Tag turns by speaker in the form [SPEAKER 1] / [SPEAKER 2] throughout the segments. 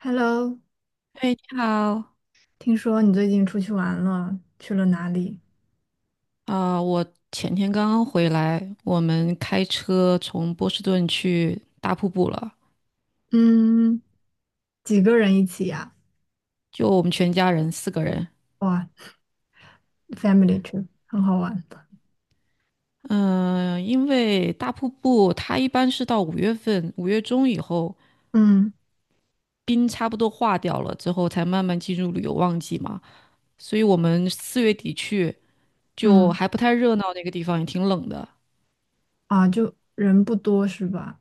[SPEAKER 1] Hello，
[SPEAKER 2] 哎，你好。
[SPEAKER 1] 听说你最近出去玩了，去了哪里？
[SPEAKER 2] 我前天刚刚回来，我们开车从波士顿去大瀑布了，
[SPEAKER 1] 嗯，几个人一起呀？
[SPEAKER 2] 就我们全家人4个人。
[SPEAKER 1] 哇，family trip，很好玩。
[SPEAKER 2] 嗯、因为大瀑布它一般是到5月份，5月中以后，
[SPEAKER 1] 嗯
[SPEAKER 2] 冰差不多化掉了之后，才慢慢进入旅游旺季嘛，所以我们4月底去就
[SPEAKER 1] 嗯，
[SPEAKER 2] 还不太热闹，那个地方也挺冷的。
[SPEAKER 1] 啊，就人不多是吧？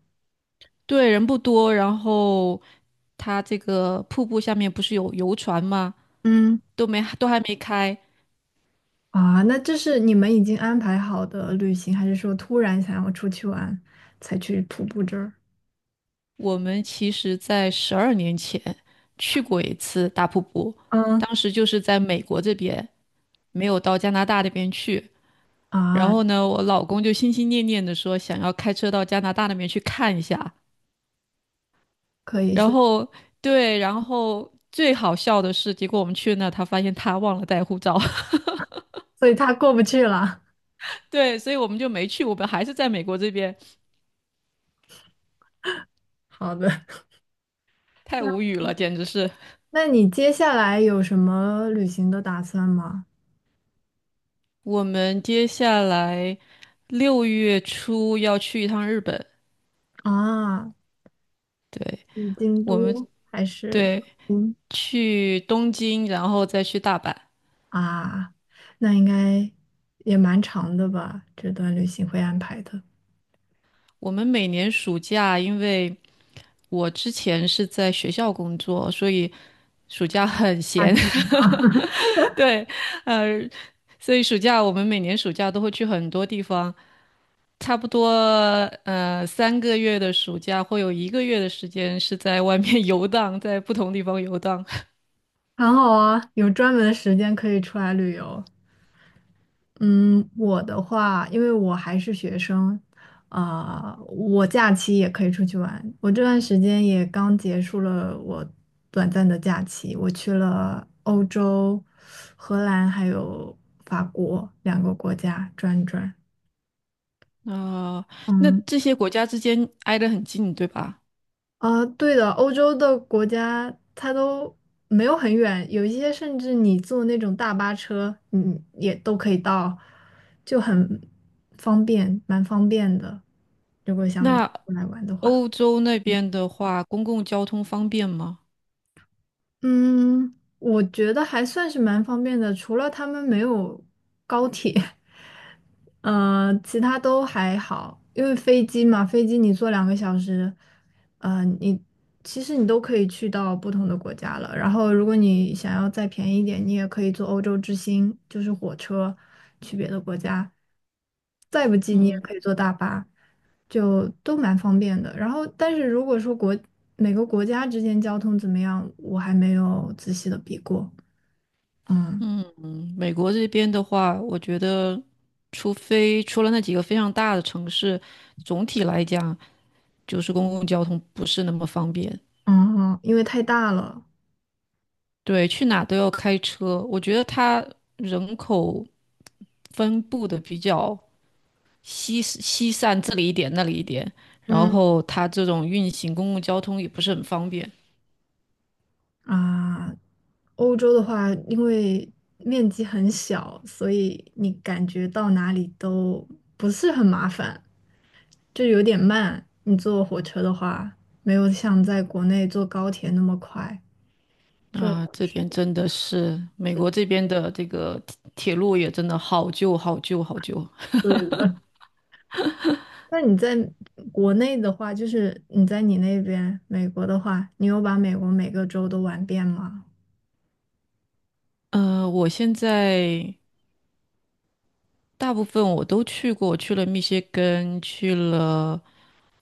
[SPEAKER 2] 对，人不多，然后它这个瀑布下面不是有游船吗？
[SPEAKER 1] 嗯，
[SPEAKER 2] 都还没开。
[SPEAKER 1] 啊，那这是你们已经安排好的旅行，还是说突然想要出去玩才去徒步这儿？
[SPEAKER 2] 我们其实在12年前去过一次大瀑布，
[SPEAKER 1] 嗯，
[SPEAKER 2] 当时就是在美国这边，没有到加拿大那边去。然
[SPEAKER 1] 啊，
[SPEAKER 2] 后呢，我老公就心心念念的说想要开车到加拿大那边去看一下。
[SPEAKER 1] 可以，
[SPEAKER 2] 然
[SPEAKER 1] 所以
[SPEAKER 2] 后对，然后最好笑的是，结果我们去那，他发现他忘了带护照。
[SPEAKER 1] 所以他过不去了。
[SPEAKER 2] 对，所以我们就没去，我们还是在美国这边，
[SPEAKER 1] 好的，
[SPEAKER 2] 太
[SPEAKER 1] 那
[SPEAKER 2] 无语了，简直是。
[SPEAKER 1] 那你接下来有什么旅行的打算吗？
[SPEAKER 2] 我们接下来6月初要去一趟日本。
[SPEAKER 1] 啊，
[SPEAKER 2] 对，
[SPEAKER 1] 是京
[SPEAKER 2] 我们
[SPEAKER 1] 都还是
[SPEAKER 2] 对，
[SPEAKER 1] 嗯
[SPEAKER 2] 去东京，然后再去大阪。
[SPEAKER 1] 啊？那应该也蛮长的吧？这段旅行会安排的，
[SPEAKER 2] 我们每年暑假，因为我之前是在学校工作，所以暑假很
[SPEAKER 1] 下
[SPEAKER 2] 闲。
[SPEAKER 1] 次来
[SPEAKER 2] 对，呃，所以暑假我们每年暑假都会去很多地方，差不多3个月的暑假会有一个月的时间是在外面 游荡，在不同地方游荡。
[SPEAKER 1] 很好啊，有专门的时间可以出来旅游。嗯，我的话，因为我还是学生，啊、我假期也可以出去玩。我这段时间也刚结束了我短暂的假期，我去了欧洲、荷兰还有法国两个国家转一转。
[SPEAKER 2] 啊、那
[SPEAKER 1] 嗯，
[SPEAKER 2] 这些国家之间挨得很近，对吧？
[SPEAKER 1] 啊，对的，欧洲的国家它都没有很远，有一些甚至你坐那种大巴车，也都可以到，就很方便，蛮方便的。如果想
[SPEAKER 2] 那
[SPEAKER 1] 过来玩的话，
[SPEAKER 2] 欧洲那边的话，公共交通方便吗？
[SPEAKER 1] 嗯，我觉得还算是蛮方便的，除了他们没有高铁。嗯，其他都还好，因为飞机嘛，飞机你坐两个小时，嗯，你其实你都可以去到不同的国家了。然后，如果你想要再便宜一点，你也可以坐欧洲之星，就是火车去别的国家。再不济，你也
[SPEAKER 2] 嗯。
[SPEAKER 1] 可以坐大巴，就都蛮方便的。然后，但是如果说每个国家之间交通怎么样，我还没有仔细的比过。嗯
[SPEAKER 2] 嗯，美国这边的话，我觉得，除非除了那几个非常大的城市，总体来讲，就是公共交通不是那么方便。
[SPEAKER 1] 嗯，因为太大了。
[SPEAKER 2] 对，去哪都要开车。我觉得它人口分布的比较稀稀散，这里一点那里一点，然
[SPEAKER 1] 嗯
[SPEAKER 2] 后它这种运行公共交通也不是很方便。
[SPEAKER 1] 啊，欧洲的话，因为面积很小，所以你感觉到哪里都不是很麻烦，就有点慢。你坐火车的话，没有像在国内坐高铁那么快。这
[SPEAKER 2] 啊，这 点真的是美国这边的这个铁路也真的好旧、好旧、好旧。
[SPEAKER 1] 对 了。那你在国内的话，就是你那边美国的话，你有把美国每个州都玩遍吗？
[SPEAKER 2] 我现在大部分我都去过，去了密歇根，去了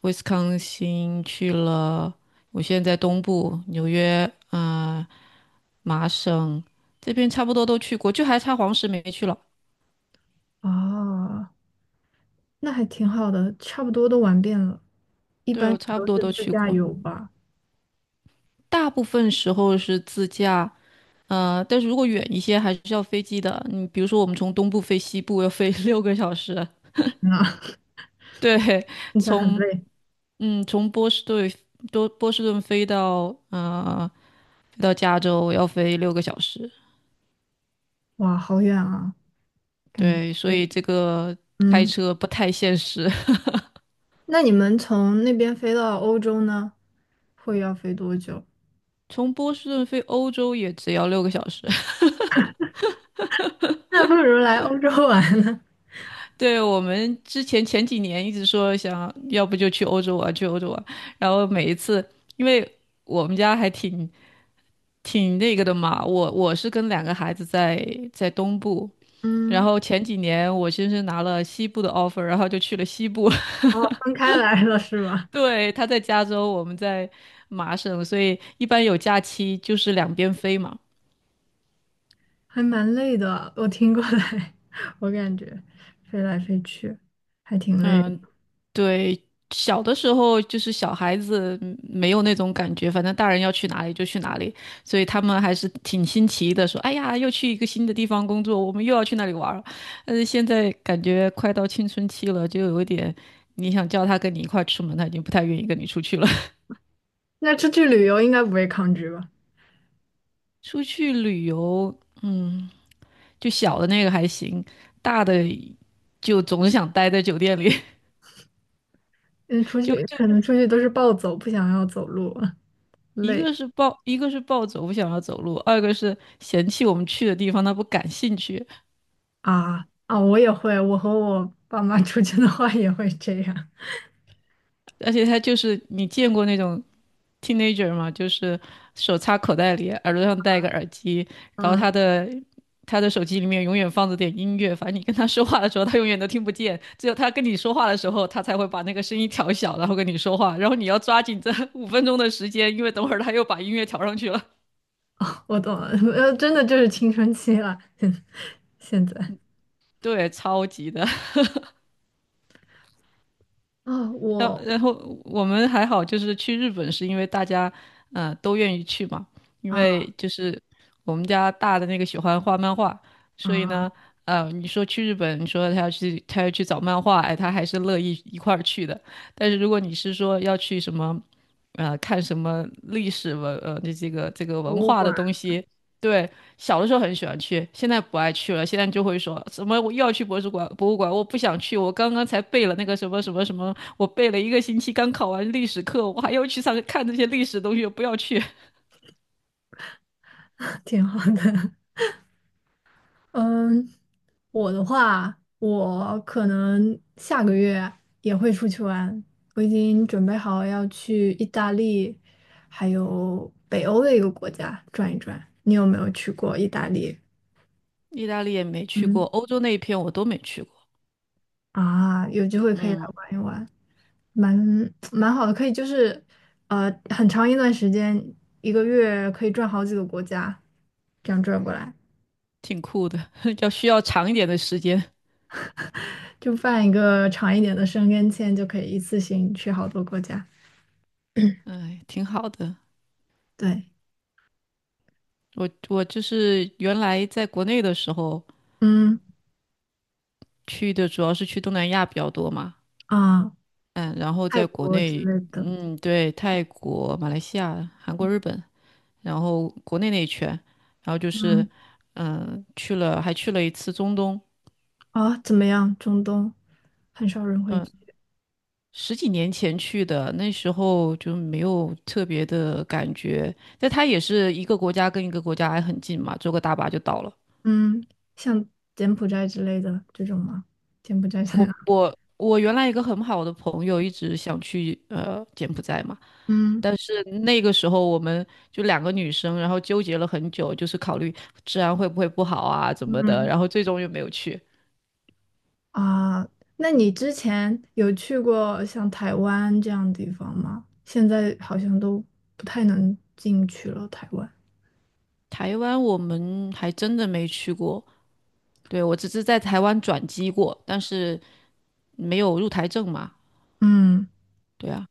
[SPEAKER 2] 威斯康星，我现在在东部纽约，麻省这边差不多都去过，就还差黄石没去了。
[SPEAKER 1] 哦，那还挺好的，差不多都玩遍了。一
[SPEAKER 2] 对，
[SPEAKER 1] 般
[SPEAKER 2] 我差不
[SPEAKER 1] 都
[SPEAKER 2] 多
[SPEAKER 1] 是
[SPEAKER 2] 都
[SPEAKER 1] 自
[SPEAKER 2] 去
[SPEAKER 1] 驾
[SPEAKER 2] 过，
[SPEAKER 1] 游吧？
[SPEAKER 2] 大部分时候是自驾，但是如果远一些，还是要飞机的。你比如说，我们从东部飞西部要飞 六个小时。
[SPEAKER 1] 天呐，
[SPEAKER 2] 对，
[SPEAKER 1] 听起来很
[SPEAKER 2] 从
[SPEAKER 1] 累。
[SPEAKER 2] 嗯从波士顿多波士顿飞到加州要飞六个小时。
[SPEAKER 1] 哇，好远啊！感觉，
[SPEAKER 2] 对，所以这个开
[SPEAKER 1] 嗯，
[SPEAKER 2] 车不太现实。
[SPEAKER 1] 那你们从那边飞到欧洲呢，会要飞多久？
[SPEAKER 2] 从波士顿飞欧洲也只要六个小时。
[SPEAKER 1] 那不如来欧洲玩呢。
[SPEAKER 2] 对，我们之前前几年一直说想要不就去欧洲玩，去欧洲玩，然后每一次因为。我们家还挺那个的嘛。我是跟2个孩子在东部，然
[SPEAKER 1] 嗯，
[SPEAKER 2] 后前几年我先是拿了西部的 offer,然后就去了西部。
[SPEAKER 1] 哦，分开来了是吧？
[SPEAKER 2] 对，他在加州，我们在麻省，所以一般有假期就是两边飞嘛。
[SPEAKER 1] 还蛮累的，我听过来，我感觉飞来飞去还挺累的。
[SPEAKER 2] 嗯，对，小的时候就是小孩子没有那种感觉，反正大人要去哪里就去哪里，所以他们还是挺新奇的，说："哎呀，又去一个新的地方工作，我们又要去那里玩儿。"但是现在感觉快到青春期了，就有一点，你想叫他跟你一块儿出门，他已经不太愿意跟你出去了。
[SPEAKER 1] 那出去旅游应该不会抗拒吧？
[SPEAKER 2] 出去旅游，嗯，就小的那个还行，大的就总想待在酒店里。
[SPEAKER 1] 嗯，出 去
[SPEAKER 2] 就。
[SPEAKER 1] 可能出去都是暴走，不想要走路，
[SPEAKER 2] 一个
[SPEAKER 1] 累
[SPEAKER 2] 是一个是暴走不想要走路，二个是嫌弃我们去的地方他不感兴趣，
[SPEAKER 1] 啊啊！我也会，我和我爸妈出去的话也会这样。
[SPEAKER 2] 而且他就是你见过那种 teenager 吗？就是手插口袋里，耳朵上戴一个耳机，然后
[SPEAKER 1] 嗯。
[SPEAKER 2] 他的手机里面永远放着点音乐，反正你跟他说话的时候他永远都听不见，只有他跟你说话的时候他才会把那个声音调小，然后跟你说话，然后你要抓紧这5分钟的时间，因为等会儿他又把音乐调上去了。
[SPEAKER 1] 哦，我懂了，真的就是青春期了，现在
[SPEAKER 2] 对，超级的。
[SPEAKER 1] 啊，
[SPEAKER 2] 然后
[SPEAKER 1] 我
[SPEAKER 2] 然后我们还好，就是去日本是因为大家都愿意去嘛，因
[SPEAKER 1] 啊
[SPEAKER 2] 为就是我们家大的那个喜欢画漫画，所以
[SPEAKER 1] 啊，
[SPEAKER 2] 呢，你说去日本，你说他要去找漫画，哎，他还是乐意一块儿去的。但是如果你是说要去什么，看什么历史文呃这个
[SPEAKER 1] 博
[SPEAKER 2] 文
[SPEAKER 1] 物
[SPEAKER 2] 化的
[SPEAKER 1] 馆
[SPEAKER 2] 东西。对，小的时候很喜欢去，现在不爱去了。现在就会说什么我又要去博物馆，博物馆我不想去，我刚刚才背了那个什么什么什么，我背了一个星期，刚考完历史课，我还要去上看这些历史的东西，我不要去。
[SPEAKER 1] 挺好的。嗯，我的话，我可能下个月也会出去玩，我已经准备好要去意大利，还有北欧的一个国家转一转。你有没有去过意大利？
[SPEAKER 2] 意大利也没去
[SPEAKER 1] 嗯，
[SPEAKER 2] 过，欧洲那一片我都没去过。
[SPEAKER 1] 啊，有机会可以来
[SPEAKER 2] 嗯，
[SPEAKER 1] 玩一玩。蛮蛮好的，可以就是很长一段时间，一个月可以转好几个国家，这样转过来，
[SPEAKER 2] 挺酷的，需要长一点的时间。
[SPEAKER 1] 就办一个长一点的申根签，就可以一次性去好多国家。
[SPEAKER 2] 哎，挺好的。
[SPEAKER 1] 对，
[SPEAKER 2] 我就是原来在国内的时候
[SPEAKER 1] 嗯
[SPEAKER 2] 去的主要是去东南亚比较多嘛，
[SPEAKER 1] 啊，
[SPEAKER 2] 嗯，然后
[SPEAKER 1] 泰
[SPEAKER 2] 在国
[SPEAKER 1] 国之
[SPEAKER 2] 内，
[SPEAKER 1] 类的，
[SPEAKER 2] 嗯，对，泰国、马来西亚、韩国、日本，然后国内那一圈，然后就是，
[SPEAKER 1] 嗯
[SPEAKER 2] 嗯，去了，还去了一次中东，
[SPEAKER 1] 啊，怎么样？中东很少人会
[SPEAKER 2] 嗯，
[SPEAKER 1] 去，
[SPEAKER 2] 十几年前去的，那时候就没有特别的感觉，但它也是一个国家跟一个国家还很近嘛，坐个大巴就到了。
[SPEAKER 1] 嗯，像柬埔寨之类的这种吗？柬埔寨这样，
[SPEAKER 2] 我原来一个很好的朋友一直想去柬埔寨嘛。
[SPEAKER 1] 嗯
[SPEAKER 2] 但是那个时候我们就2个女生，然后纠结了很久，就是考虑治安会不会不好啊，怎么的，
[SPEAKER 1] 嗯。
[SPEAKER 2] 然后最终又没有去。
[SPEAKER 1] 啊，那你之前有去过像台湾这样的地方吗？现在好像都不太能进去了，台湾。
[SPEAKER 2] 台湾我们还真的没去过，对，我只是在台湾转机过，但是没有入台证嘛。
[SPEAKER 1] 嗯，
[SPEAKER 2] 对啊，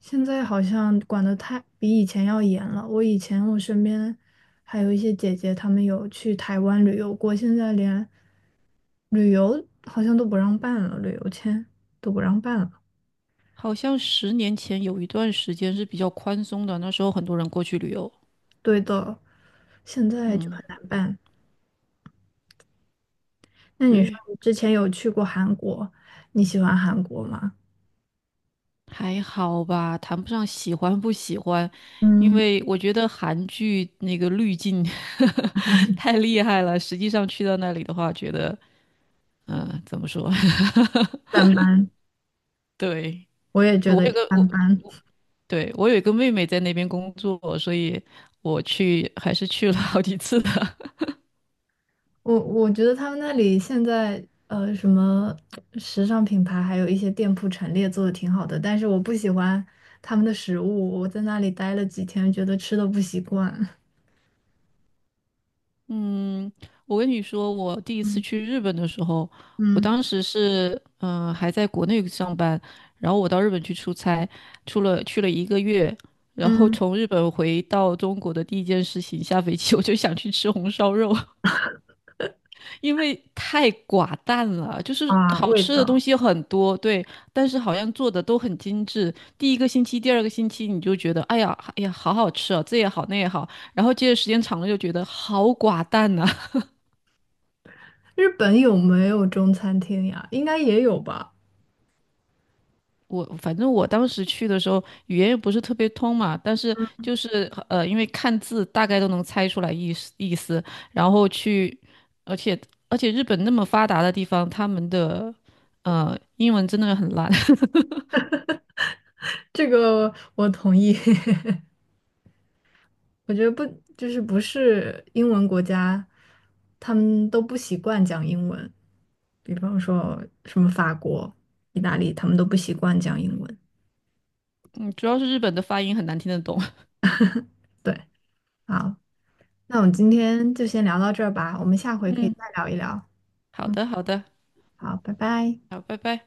[SPEAKER 1] 现在好像管得太比以前要严了。我以前我身边还有一些姐姐，她们有去台湾旅游过，现在连旅游好像都不让办了，旅游签都不让办了。
[SPEAKER 2] 好像10年前有一段时间是比较宽松的，那时候很多人过去旅游。
[SPEAKER 1] 对的，现在就
[SPEAKER 2] 嗯，
[SPEAKER 1] 很难办。那你说
[SPEAKER 2] 对。
[SPEAKER 1] 你之前有去过韩国，你喜欢韩国吗？
[SPEAKER 2] 还好吧，谈不上喜欢不喜欢，因
[SPEAKER 1] 嗯，
[SPEAKER 2] 为我觉得韩剧那个滤镜 太厉害了。实际上去到那里的话，觉得怎么说？
[SPEAKER 1] 一般般，
[SPEAKER 2] 对，
[SPEAKER 1] 我也
[SPEAKER 2] 我
[SPEAKER 1] 觉得
[SPEAKER 2] 有
[SPEAKER 1] 一
[SPEAKER 2] 个
[SPEAKER 1] 般
[SPEAKER 2] 我，
[SPEAKER 1] 般。
[SPEAKER 2] 对，我有一个妹妹在那边工作，所以我去还是去了好几次的。
[SPEAKER 1] 我觉得他们那里现在什么时尚品牌，还有一些店铺陈列做的挺好的，但是我不喜欢他们的食物。我在那里待了几天，觉得吃的不习惯。
[SPEAKER 2] 嗯，我跟你说，我第一次
[SPEAKER 1] 嗯
[SPEAKER 2] 去日本的时候，我
[SPEAKER 1] 嗯
[SPEAKER 2] 当时是还在国内上班，然后我到日本去出差，去了一个月，然后
[SPEAKER 1] 嗯，
[SPEAKER 2] 从日本回到中国的第一件事情，下飞机 我就想去吃红烧肉，因为太寡淡了，就是
[SPEAKER 1] 啊，
[SPEAKER 2] 好
[SPEAKER 1] 味
[SPEAKER 2] 吃的东
[SPEAKER 1] 道。
[SPEAKER 2] 西很多。对，但是好像做的都很精致。第一个星期、第二个星期你就觉得，哎呀，哎呀，好好吃啊，这也好那也好，然后接着时间长了就觉得好寡淡呐、
[SPEAKER 1] 日本有没有中餐厅呀？应该也有吧。
[SPEAKER 2] 反正我当时去的时候，语言也不是特别通嘛，但是就是因为看字大概都能猜出来意思意思，然后去，而且而且日本那么发达的地方，他们的英文真的很烂，
[SPEAKER 1] 这个我同意。我觉得不，就是不是英文国家，他们都不习惯讲英文。比方说什么法国、意大利，他们都不习惯讲英文。
[SPEAKER 2] 嗯，主要是日本的发音很难听得懂。
[SPEAKER 1] 对，好，那我们今天就先聊到这儿吧，我们下 回可以
[SPEAKER 2] 嗯，
[SPEAKER 1] 再聊一聊。
[SPEAKER 2] 好
[SPEAKER 1] 嗯，
[SPEAKER 2] 的好的，
[SPEAKER 1] 好，拜拜。
[SPEAKER 2] 好，拜拜。